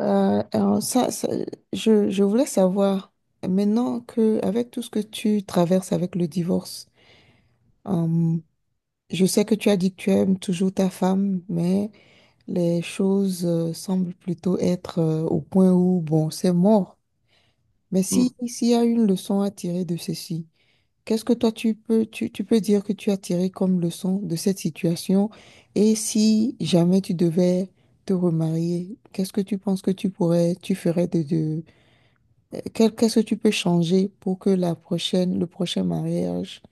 Alors ça, je voulais savoir, maintenant que avec tout ce que tu traverses avec le divorce, euh, je sais que tu as dit que tu aimes toujours ta femme, mais les choses semblent plutôt être au point où, bon, c'est mort. Mais si, Mm. s'il y a une leçon à tirer de ceci, qu'est-ce que toi tu peux, tu peux dire que tu as tiré comme leçon de cette situation? Et si jamais tu devais te remarier, qu'est-ce que tu penses que tu pourrais, tu ferais de Qu'est-ce que tu peux changer pour que le prochain mariage,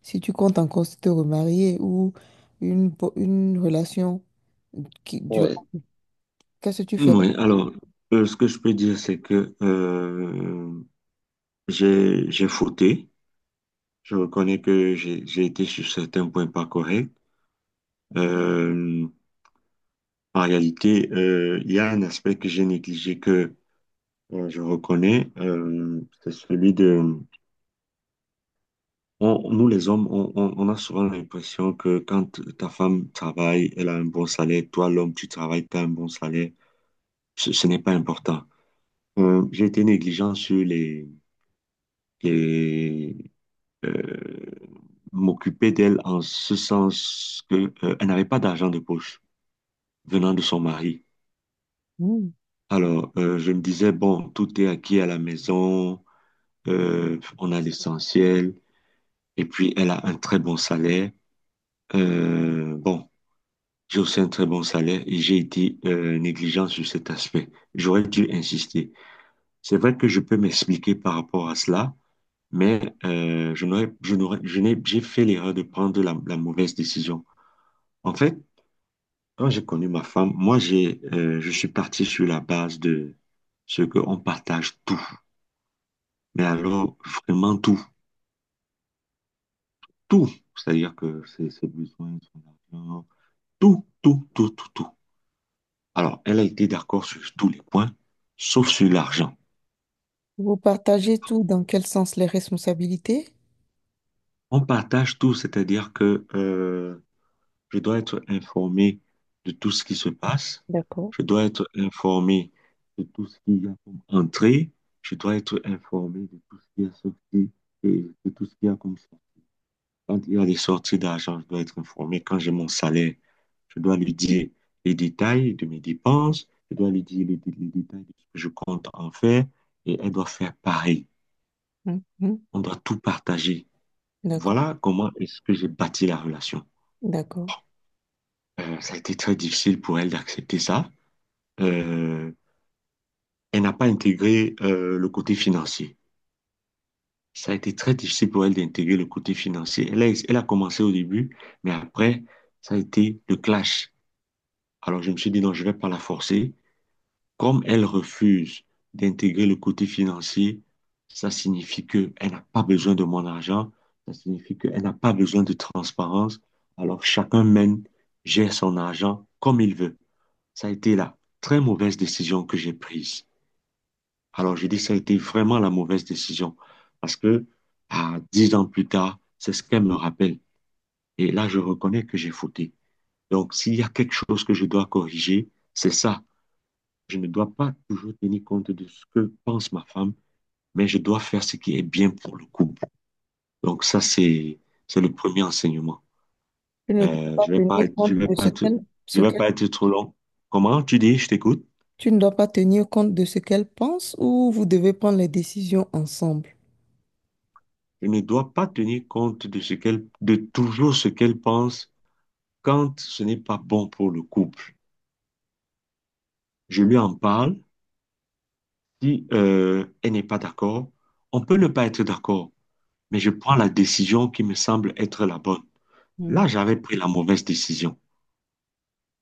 si tu comptes encore te remarier ou une, une relation qui dure, Ouais. qu'est-ce que tu ferais? Oui, alors, ce que je peux dire, c'est que j'ai fauté. Je reconnais que j'ai été sur certains points pas corrects. Euh, en réalité, il y a un aspect que j'ai négligé que je reconnais, c'est celui de... nous, les hommes, on a souvent l'impression que quand ta femme travaille, elle a un bon salaire. Toi, l'homme, tu travailles, tu as un bon salaire. Ce n'est pas important. J'ai été négligent sur les et euh, m'occuper d'elle en ce sens que elle n'avait pas d'argent de poche venant de son mari. Hmm. Alors, je me disais, bon, tout est acquis à la maison, on a l'essentiel, et puis elle a un très bon salaire. Bon, j'ai aussi un très bon salaire et j'ai été négligent sur cet aspect. J'aurais dû insister. C'est vrai que je peux m'expliquer par rapport à cela, mais je n'aurais, je n'aurais, je n'ai, j'ai fait l'erreur de prendre la mauvaise décision. En fait, quand j'ai connu ma femme, moi, je suis parti sur la base de ce qu'on partage tout. Mais alors, vraiment tout. Tout. C'est-à-dire que ses besoins, son argent, tout, tout, tout, tout, tout. Alors, elle a été d'accord sur tous les points, sauf sur l'argent. Vous partagez tout dans quel sens? Les responsabilités? On partage tout, c'est-à-dire que je dois être informé de tout ce qui se passe. D'accord. Je dois être informé de tout ce qu'il y a comme entrée. Je dois être informé de tout ce qui est sorti et de tout ce qu'il y a comme ça. Quand il y a des sorties d'argent, je dois être informé. Quand j'ai mon salaire, je dois lui dire les détails de mes dépenses. Je dois lui dire les détails de ce que je compte en faire. Et elle doit faire pareil. Mhm. On doit tout partager. D'accord. Voilà comment est-ce que j'ai bâti la relation. D'accord. Ça a été très difficile pour elle d'accepter ça. euh, Elle n'a pas intégré le côté financier. Ça a été très difficile pour elle d'intégrer le côté financier. Elle a commencé au début, mais après, ça a été le clash. Alors je me suis dit, non, je ne vais pas la forcer. Comme elle refuse d'intégrer le côté financier, ça signifie qu'elle n'a pas besoin de mon argent, ça signifie qu'elle n'a pas besoin de transparence. Alors chacun mène, gère son argent comme il veut. Ça a été la très mauvaise décision que j'ai prise. Alors, j'ai dit, que ça a été vraiment la mauvaise décision. Parce que, à 10 ans plus tard, c'est ce qu'elle me rappelle. Et là, je reconnais que j'ai fauté. Donc, s'il y a quelque chose que je dois corriger, c'est ça. Je ne dois pas toujours tenir compte de ce que pense ma femme, mais je dois faire ce qui est bien pour le couple. Donc, ça, c'est le premier enseignement. Tu ne dois pas Je vais pas tenir être, je compte vais de pas ce être, qu'elle, je ce vais qu'elle pas être trop long. Comment tu dis, je t'écoute? Tu ne dois pas tenir compte de ce qu'elle pense ou vous devez prendre les décisions ensemble? Je ne dois pas tenir compte de ce qu'elle, de toujours ce qu'elle pense quand ce n'est pas bon pour le couple, je lui en parle. Si elle n'est pas d'accord, on peut ne pas être d'accord, mais je prends la décision qui me semble être la bonne. Là, j'avais pris la mauvaise décision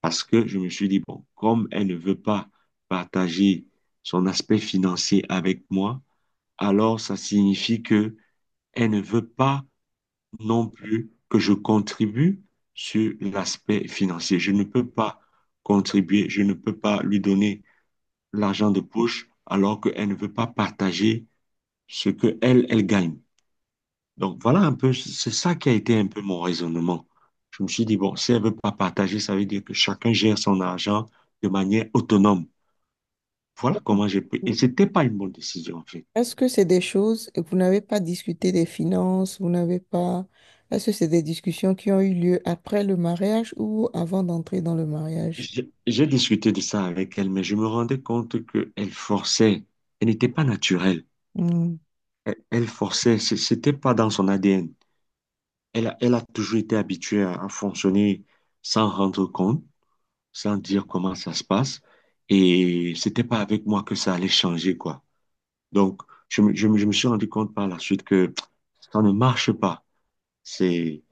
parce que je me suis dit, bon, comme elle ne veut pas partager son aspect financier avec moi, alors ça signifie que elle ne veut pas non plus que je contribue sur l'aspect financier. Je ne peux pas contribuer, je ne peux pas lui donner l'argent de poche alors qu'elle ne veut pas partager ce que elle, elle gagne. Donc voilà un peu, c'est ça qui a été un peu mon raisonnement. Je me suis dit, bon, si elle ne veut pas partager, ça veut dire que chacun gère son argent de manière autonome. Voilà comment j'ai pris. Mm. Et c'était pas une bonne décision, en fait. Est-ce que c'est des choses, et vous n'avez pas discuté des finances, vous n'avez pas... Est-ce que c'est des discussions qui ont eu lieu après le mariage ou avant d'entrer dans le mariage? J'ai discuté de ça avec elle, mais je me rendais compte qu'elle forçait. Elle n'était pas naturelle. Hmm, Elle forçait. C'était pas dans son ADN. Elle a toujours été habituée à fonctionner sans rendre compte, sans dire comment ça se passe. Et c'était pas avec moi que ça allait changer, quoi. Donc, je me suis rendu compte par la suite que ça ne marche pas. C'est,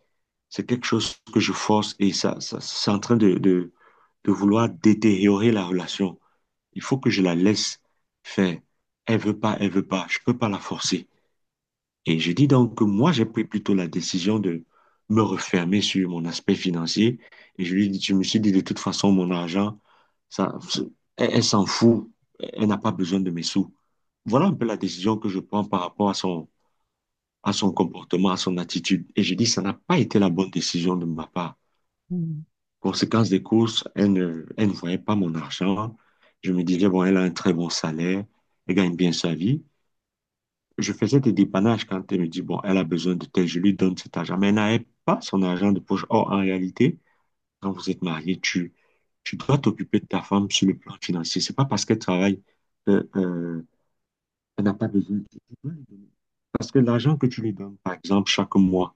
c'est quelque chose que je force et ça c'est en train de, vouloir détériorer la relation. Il faut que je la laisse faire. Elle veut pas, elle veut pas. Je peux pas la forcer. Et je dis donc que moi, j'ai pris plutôt la décision de me refermer sur mon aspect financier. Et je lui dis, je me suis dit, de toute façon, mon argent, ça, elle, elle s'en fout. Elle n'a pas besoin de mes sous. Voilà un peu la décision que je prends par rapport à son comportement, à son attitude. Et je dis, ça n'a pas été la bonne décision de ma part. hmm. Conséquence des courses, elle ne voyait pas mon argent. Je me disais, bon, elle a un très bon salaire, elle gagne bien sa vie. Je faisais des dépannages quand elle me dit, bon, elle a besoin de tel, je lui donne cet argent. Mais elle n'avait pas son argent de poche. Or, en réalité, quand vous êtes marié, tu dois t'occuper de ta femme sur le plan financier. C'est pas parce qu'elle travaille qu'elle elle n'a pas besoin. Tu dois lui donner. Parce que l'argent que tu lui donnes, par exemple, chaque mois,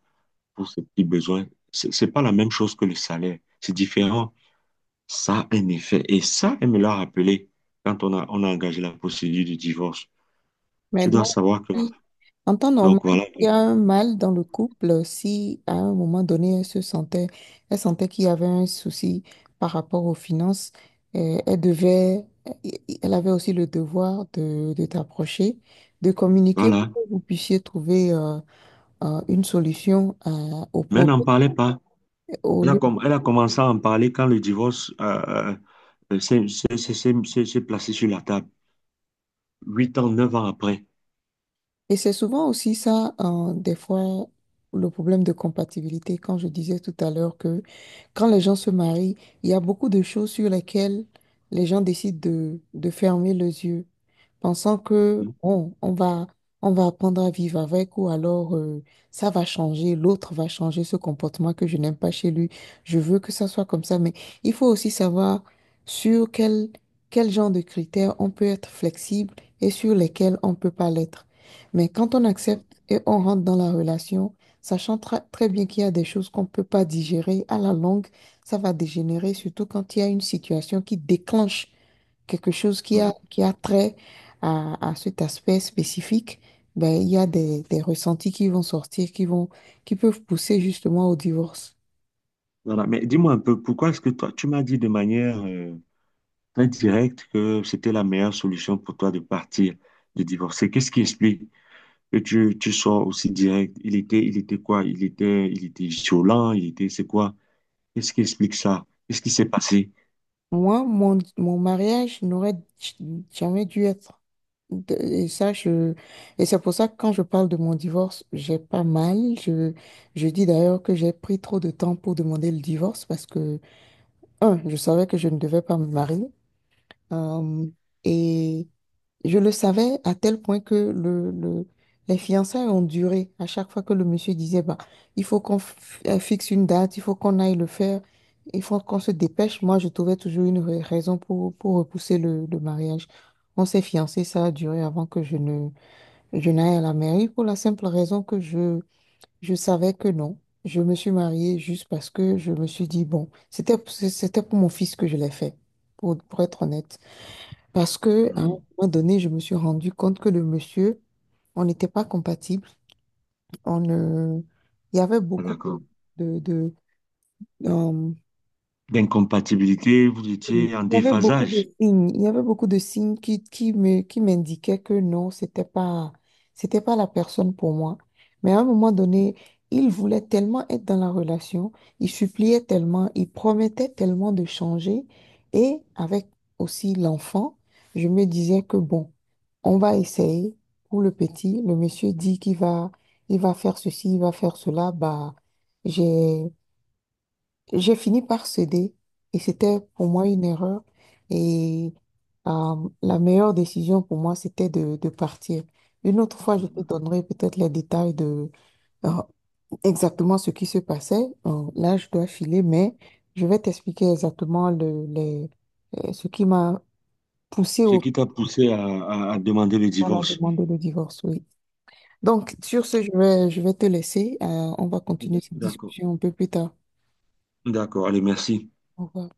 pour ses petits besoins, c'est pas la même chose que le salaire. C'est différent. Ça a un effet. Et ça, elle me l'a rappelé quand on a engagé la procédure du divorce. Mais Tu donc, dois savoir que, si- en temps normal, donc voilà, il y a un mâle dans le couple, si à un moment donné, elle sentait qu'il y avait un souci par rapport aux finances, euh, elle devait, elle avait aussi le devoir de t'approcher, de communiquer voilà. pour que vous puissiez trouver... une solution au Mais elle problème n'en parlait pas. au lieu. Elle a commencé à en parler quand le divorce s'est placé sur la table, 8 ans, 9 ans après. Et c'est souvent aussi ça, des fois, le problème de compatibilité. Quand je disais tout à l'heure que quand les gens se marient, il y a beaucoup de choses sur lesquelles les gens décident de fermer les yeux, pensant que, Mm. bon, on va apprendre à vivre avec ou alors ça va changer, l'autre va changer ce comportement que je n'aime pas chez lui. Je veux que ça soit comme ça, mais il faut aussi savoir sur quel, quel genre de critères on peut être flexible et sur lesquels on ne peut pas l'être. Mais quand on accepte et on rentre dans la relation, sachant très bien qu'il y a des choses qu'on ne peut pas digérer, à la longue, ça va dégénérer, surtout quand il y a une situation qui déclenche quelque chose Mm. qui a trait à cet aspect spécifique. Ben, il y a des ressentis qui vont sortir, qui vont, qui peuvent pousser justement au divorce. Voilà. Mais dis-moi un peu, pourquoi est-ce que toi, tu m'as dit de manière très directe que c'était la meilleure solution pour toi de partir, de divorcer? Qu'est-ce qui explique que tu sois aussi direct? Il était quoi? Il était violent, il était, c'est quoi? Qu'est-ce qui explique ça? Qu'est-ce qui s'est passé? Moi, mon mariage n'aurait j- jamais dû être Et ça, je... Et c'est pour ça que quand je parle de mon divorce, j'ai pas mal. Je dis d'ailleurs que j'ai pris trop de temps pour demander le divorce parce que, un, je savais que je ne devais pas me marier. Euh, et je le savais à tel point que les fiançailles ont duré. À chaque fois que le monsieur disait, bah, il faut qu'on f- fixe une date, il faut qu'on aille le faire, il faut qu'on se dépêche, moi, je trouvais toujours une raison pour repousser le mariage. On s'est fiancés, ça a duré avant que je ne, je n'aille à la mairie pour la simple raison que je savais que non. Je me suis mariée juste parce que je me suis dit, bon, c'était pour mon fils que je l'ai fait, pour être honnête. Parce que, à un Mm. moment donné, je me suis rendu compte que le monsieur, on n'était pas compatible. On, ne- Il y avait Ah, beaucoup d'accord. de, de, D'incompatibilité, vous Oui, étiez en il y avait beaucoup de déphasage. signes, il y avait beaucoup de signes qui, qui m'indiquaient que non, c'était pas la personne pour moi. Mais à un moment donné, il voulait tellement être dans la relation, il suppliait tellement, il promettait tellement de changer. Et avec aussi l'enfant, je me disais que bon, on va essayer pour le petit. Le monsieur dit qu'il va, il va faire ceci, il va faire cela. Bah, j'ai j'ai fini par céder et c'était pour moi une erreur. Et la meilleure décision pour moi, c'était de partir. Une autre fois, je te Mhm. donnerai peut-être les détails de euh, exactement ce qui se passait. Là, je dois filer, mais je vais t'expliquer exactement les, ce qui m'a poussé Ce au qui t'a poussé à, à demander le à la divorce. demander le divorce, oui. Donc, sur ce, je vais te laisser. On va continuer cette D'accord. discussion un peu plus tard. D'accord. Allez, merci. Au revoir.